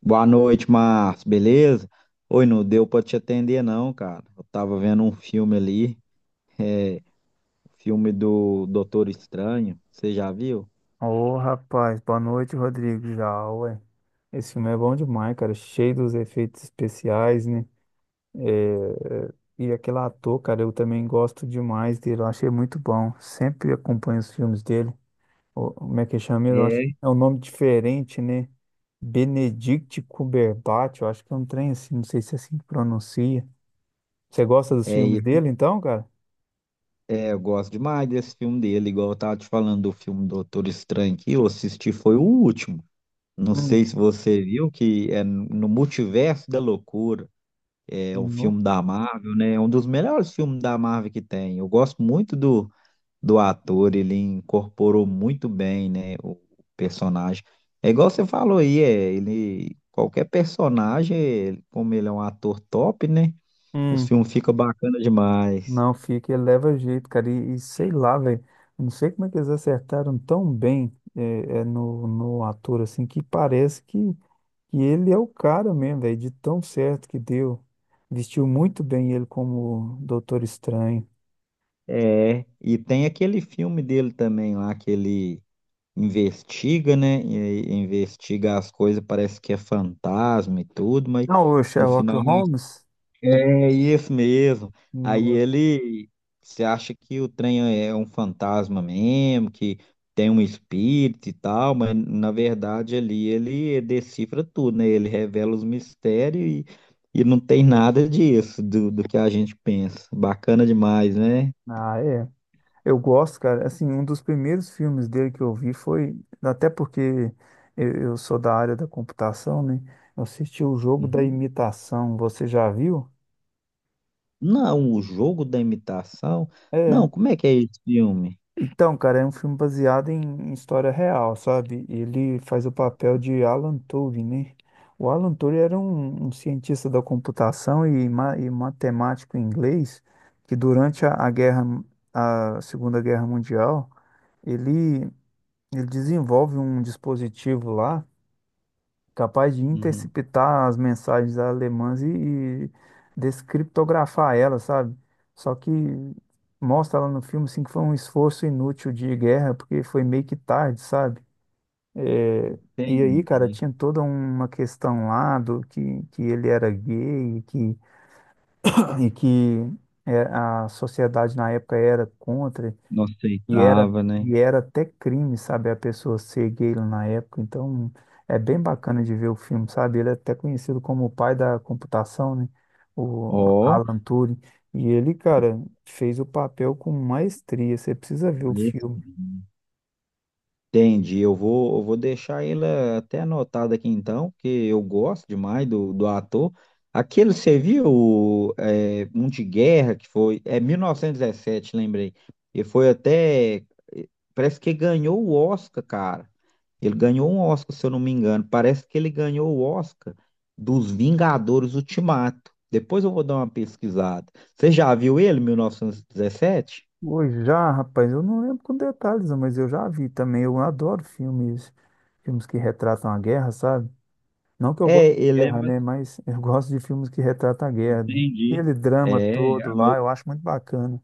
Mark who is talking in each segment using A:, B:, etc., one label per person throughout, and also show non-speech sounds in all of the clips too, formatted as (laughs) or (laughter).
A: Boa noite, Márcio, beleza? Oi, não deu pra te atender não, cara. Eu tava vendo um filme ali, é, o filme do Doutor Estranho, você já viu?
B: Ô, rapaz, boa noite, Rodrigo. Já, ué. Esse filme é bom demais, cara. Cheio dos efeitos especiais, né? É, é, E aquele ator, cara, eu também gosto demais dele. Eu achei muito bom. Sempre acompanho os filmes dele. Como é que chama mesmo?
A: É,
B: É um nome diferente, né? Benedict Cumberbatch. Eu acho que é um trem assim. Não sei se é assim que pronuncia. Você gosta dos
A: É,
B: filmes
A: e-
B: dele, então, cara?
A: eu gosto demais desse filme dele, igual eu tava te falando do filme Doutor Estranho que eu assisti, foi o último. Não
B: Hum,
A: sei se você viu, que é no Multiverso da Loucura, é um
B: não.
A: filme da Marvel, né? É um dos melhores filmes da Marvel que tem. Eu gosto muito do ator, ele incorporou muito bem, né, o personagem. É igual você falou aí, ele qualquer personagem, como ele é um ator top, né? Os
B: Hum.
A: filmes ficam bacana demais.
B: Não fica, ele leva jeito, cara. E sei lá, velho. Não sei como é que eles acertaram tão bem no ator, assim, que parece que ele é o cara mesmo, velho, de tão certo que deu. Vestiu muito bem ele como Doutor Estranho.
A: É, e tem aquele filme dele também lá que ele investiga, né? E aí investiga as coisas, parece que é fantasma e tudo, mas
B: Não, o
A: no
B: Sherlock
A: final
B: Holmes.
A: É isso mesmo. Aí
B: no-
A: ele se acha que o trem é um fantasma mesmo, que tem um espírito e tal, mas na verdade ali ele decifra tudo, né? Ele revela os mistérios e não tem nada disso do que a gente pensa. Bacana demais, né?
B: Ah, é. Eu gosto, cara. Assim, um dos primeiros filmes dele que eu vi foi. Até porque eu sou da área da computação, né? Eu assisti O Jogo da
A: Uhum.
B: Imitação. Você já viu?
A: Não, o jogo da imitação. Não,
B: É.
A: como é que é esse filme?
B: Então, cara, é um filme baseado em história real, sabe? Ele faz o papel de Alan Turing, né? O Alan Turing era um cientista da computação e matemático inglês que durante a guerra, a Segunda Guerra Mundial, ele, ele desenvolve um dispositivo lá capaz de
A: Uhum.
B: interceptar as mensagens alemãs e descriptografar elas, sabe? Só que mostra lá no filme assim, que foi um esforço inútil de guerra, porque foi meio que tarde, sabe? É, e aí, cara,
A: Entendi.
B: tinha toda uma questão lá do que ele era gay e que é, a sociedade na época era contra.
A: Não
B: E era,
A: aceitava, né?
B: e era até crime, sabe, a pessoa ser gay lá na época. Então, é bem bacana de ver o filme, sabe? Ele é até conhecido como o pai da computação, né? O
A: Ó,
B: Alan Turing. E ele, cara, fez o papel com maestria. Você precisa ver o
A: esse.
B: filme.
A: Entendi, eu vou deixar ele até anotado aqui então, porque eu gosto demais do ator. Aquele, você viu, um de guerra que foi, é 1917, lembrei. E foi até, eh, parece que ganhou o Oscar, cara. Ele ganhou um Oscar, se eu não me engano. Parece que ele ganhou o Oscar dos Vingadores Ultimato. Depois eu vou dar uma pesquisada. Você já viu ele, 1917?
B: Hoje já, rapaz, eu não lembro com detalhes, não, mas eu já vi também. Eu adoro filmes, filmes que retratam a guerra, sabe? Não que eu goste
A: É,
B: de
A: ele é
B: guerra,
A: mais...
B: né? Mas (laughs) eu gosto de filmes que retratam a guerra.
A: Entendi.
B: Aquele drama
A: É,
B: todo lá, eu acho muito bacana.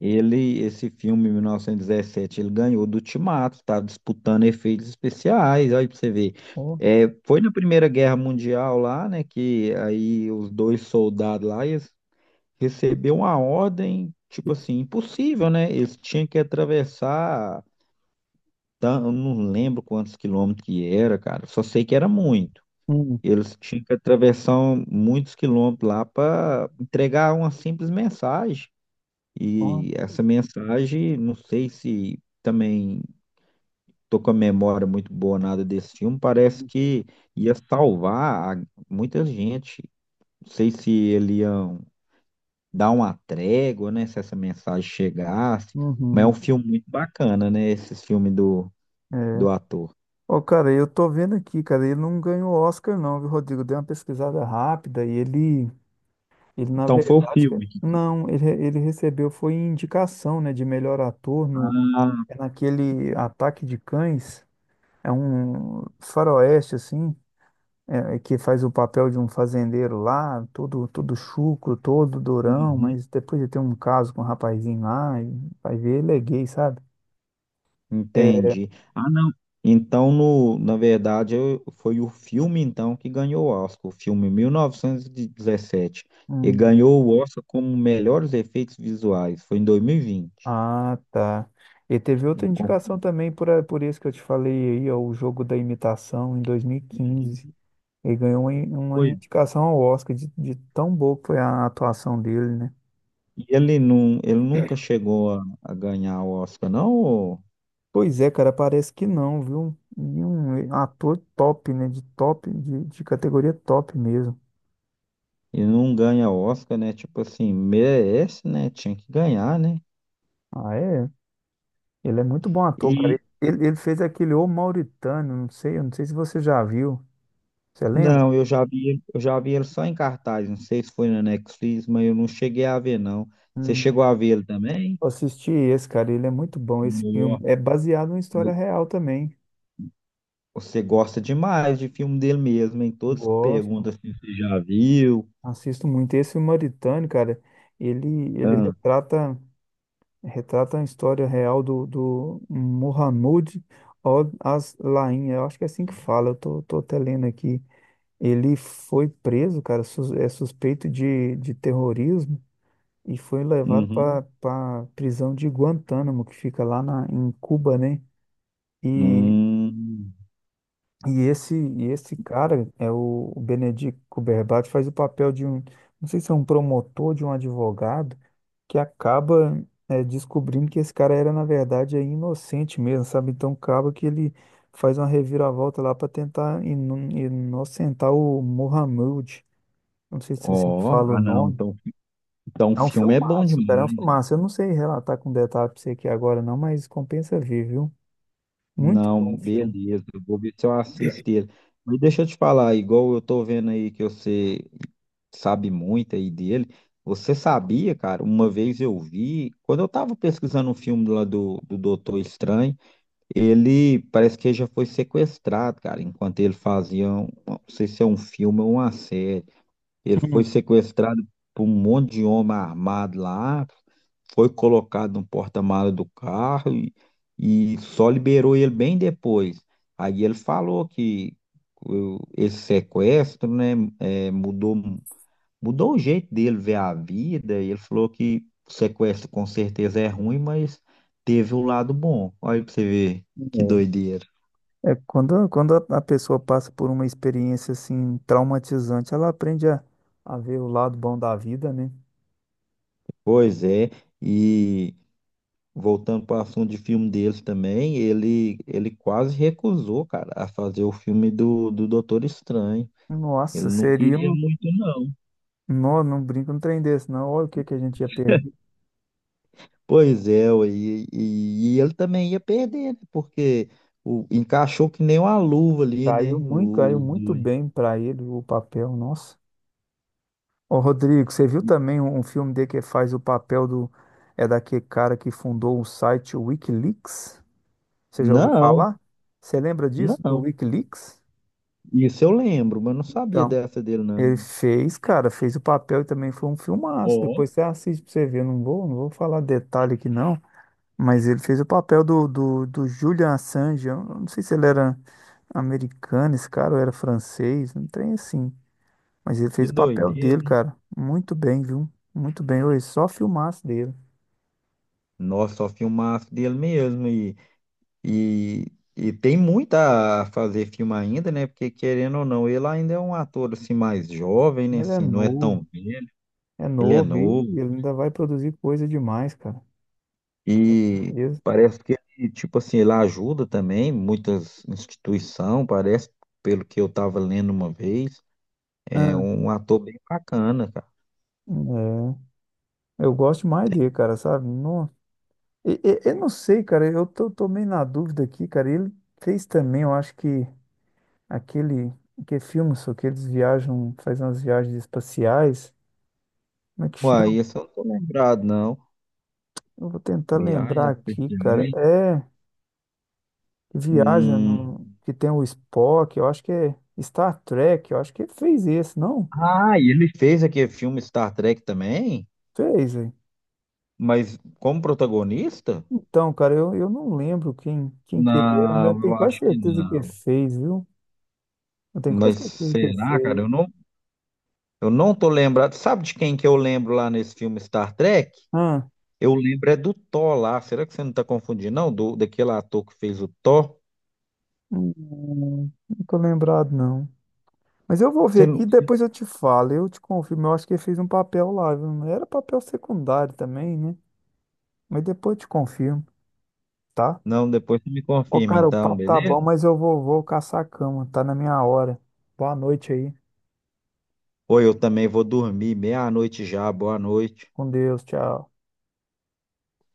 A: ele, esse filme, 1917, ele ganhou do Ultimato, estava disputando efeitos especiais, olha para você ver.
B: Ó.
A: É, foi na Primeira Guerra Mundial lá, né, que aí os dois soldados lá eles receberam uma ordem, tipo assim, impossível, né? Eles tinham que atravessar, eu não lembro quantos quilômetros que era, cara, só sei que era muito.
B: Hum,
A: Eles tinham que atravessar muitos quilômetros lá para entregar uma simples mensagem.
B: ó,
A: E essa mensagem, não sei se também tô com a memória muito boa nada desse filme, parece
B: uhum.
A: que ia salvar a- muita gente. Não sei se ele ia dar uma trégua, né, se essa mensagem chegasse, mas é um
B: Uhum,
A: filme muito bacana, né, esses filmes do
B: é.
A: ator.
B: Ô, cara, eu tô vendo aqui, cara, ele não ganhou Oscar não, viu, Rodrigo? Dei uma pesquisada rápida e ele na
A: Então foi o
B: verdade, cara,
A: filme.
B: não, ele recebeu foi indicação, né, de melhor ator no,
A: Ah,
B: é naquele Ataque de Cães, é um faroeste, assim, é que faz o papel de um fazendeiro lá, todo, todo chucro, todo durão,
A: uhum.
B: mas depois de ter um caso com um rapazinho lá, e vai ver, ele é gay, sabe? É,
A: Entendi. Ah, não. Então, no, na verdade, foi o filme, então, que ganhou o Oscar, o filme mil novecentos E dezessete e
B: hum.
A: ganhou o Oscar como melhores efeitos visuais. Foi em 2020.
B: Ah, tá. E teve outra
A: Eu
B: indicação
A: confundi.
B: também, por isso que eu te falei aí, ó, O Jogo da Imitação em 2015. Ele ganhou uma, uma
A: Foi.
B: indicação ao Oscar, de tão boa que foi a atuação dele, né?
A: E ele, não, ele nunca chegou a ganhar o Oscar, não? ou-
B: Pois é, cara, parece que não, viu? E um ator top, né? De top, de categoria top mesmo.
A: Ele não ganha Oscar, né? Tipo assim, merece, né? Tinha que ganhar, né?
B: Ah, é? Ele é muito bom ator, cara.
A: e
B: Ele fez aquele O Mauritano, não sei, eu não sei se você já viu. Você lembra?
A: Não, eu já vi, eu já vi ele só em cartaz, não sei se foi na Netflix, mas eu não cheguei a ver, não. Você chegou a ver ele também?
B: Eu assisti esse, cara, ele é muito bom. Esse filme
A: Não.
B: é baseado em história
A: Mas
B: real também.
A: você gosta demais de filme dele mesmo, hein? Todos que
B: Gosto,
A: perguntam se você já viu.
B: assisto muito. Esse O Mauritânio, cara, ele, ele
A: Ah,
B: retrata, retrata a história real do Mohamed Al-Aslain. Eu acho que é assim que fala, tô até lendo aqui. Ele foi preso, cara, é suspeito de terrorismo e foi levado
A: uhum.
B: para a prisão de Guantánamo, que fica lá na, em Cuba, né? E,
A: Hum,
B: e esse, e esse cara é o Benedict Cumberbatch, faz o papel de um, não sei se é um promotor, de um advogado, que acaba eh, descobrindo que esse cara era, na verdade, é inocente mesmo, sabe? Então acaba que ele faz uma reviravolta lá para tentar inocentar o Mohammed. Não sei se é assim que
A: ó,
B: fala o
A: ah não,
B: nome.
A: então, então o
B: É um
A: filme é bom
B: filmaço, cara, é um
A: demais.
B: filmaço. Eu não sei relatar com detalhe pra você aqui agora, não, mas compensa ver, viu? Muito bom
A: Não,
B: o filme.
A: beleza. Eu vou ver se eu assisto ele. Mas deixa eu te falar, igual eu tô vendo aí que você sabe muito aí dele. Você sabia, cara? Uma vez eu vi, quando eu tava pesquisando um filme lá do Doutor Estranho, ele parece que ele já foi sequestrado, cara, enquanto ele fazia, um, não sei se é um filme ou uma série. Ele foi sequestrado por um monte de homem armado lá, foi colocado no porta-malas do carro e só liberou ele bem depois. Aí ele falou que esse sequestro, né, é, mudou, mudou o jeito dele ver a vida. E ele falou que o sequestro com certeza é ruim, mas teve o lado bom. Olha aí pra você ver que
B: Hum.
A: doideira.
B: É, quando a pessoa passa por uma experiência assim traumatizante, ela aprende a ver o lado bom da vida, né?
A: Pois é, e voltando para o assunto de filme deles também, ele quase recusou, cara, a fazer o filme do Doutor Estranho. Ele
B: Nossa,
A: não
B: seria
A: queria
B: um.
A: muito, não.
B: Não, não brinca um trem desse, não. Olha o que que a gente ia perder.
A: Pois é, ué, e ele também ia perder, né? Porque o, encaixou que nem uma luva ali, né? o-
B: Caiu
A: Os
B: muito
A: dois.
B: bem para ele o papel, nossa. Ô, Rodrigo, você viu também um filme dele que faz o papel do. É daquele cara que fundou o site Wikileaks? Você já ouviu
A: Não,
B: falar? Você lembra disso, do
A: não.
B: Wikileaks?
A: Isso eu lembro, mas não sabia
B: Então.
A: dessa dele, não.
B: Ele fez, cara, fez o papel e também foi um filmaço.
A: Ó,
B: Depois você assiste pra você ver. Não vou falar detalhe aqui não, mas ele fez o papel do Julian Assange. Eu não sei se ele era americano, esse cara, ou era francês, não tem assim. Mas ele
A: que
B: fez o papel
A: doideira.
B: dele, cara. Muito bem, viu? Muito bem. Oi, só filmaço dele.
A: Nossa, só filmaço dele mesmo. E, e tem muito a fazer filme ainda, né? Porque querendo ou não, ele ainda é um ator assim mais jovem, né?
B: Ele
A: Assim, não é tão velho,
B: é
A: ele é
B: novo e
A: novo
B: ele ainda vai produzir coisa demais, cara. Com
A: e
B: certeza.
A: parece que ele, tipo assim, ele ajuda também muitas instituições, parece, pelo que eu estava lendo uma vez, é
B: Ah,
A: um ator bem bacana, cara.
B: é. Eu gosto mais dele, cara, sabe? Não, eu não sei, cara. Tô meio na dúvida aqui, cara. Ele fez também, eu acho que aquele que é filme, só que eles viajam, fazem umas viagens espaciais. Como é que
A: Uai,
B: chama?
A: esse eu não tô lembrado, não.
B: Eu vou tentar
A: Viagem
B: lembrar
A: especial
B: aqui, cara.
A: Perdições.
B: É, que viaja no,
A: Hum.
B: que tem o Spock, eu acho que é Star Trek, eu acho que ele fez esse, não?
A: Ah, e ele fez aquele filme Star Trek também,
B: Fez, hein?
A: mas como protagonista?
B: Então, cara, eu não lembro quem que ele era, mas eu
A: Não,
B: tenho
A: eu
B: quase
A: acho que
B: certeza que ele
A: não.
B: fez, viu? Eu tenho quase
A: Mas
B: certeza que ele
A: será, cara?
B: fez.
A: Eu não tô lembrado. Sabe de quem que eu lembro lá nesse filme Star Trek?
B: Ah,
A: Eu lembro é do Thor lá. Será que você não tá confundindo, não? Do, daquele ator que fez o Thor?
B: não tô lembrado, não. Mas eu vou ver
A: Você não...
B: aqui, depois eu te falo, eu te confirmo. Eu acho que ele fez um papel lá, viu? Era papel secundário também, né? Mas depois eu te confirmo, tá?
A: Não, depois você me
B: Ô,
A: confirma,
B: cara, o
A: então,
B: papo tá
A: beleza?
B: bom, mas vou caçar a cama, tá na minha hora. Boa noite aí,
A: Ou eu também vou dormir meia-noite já. Boa noite.
B: com Deus, tchau.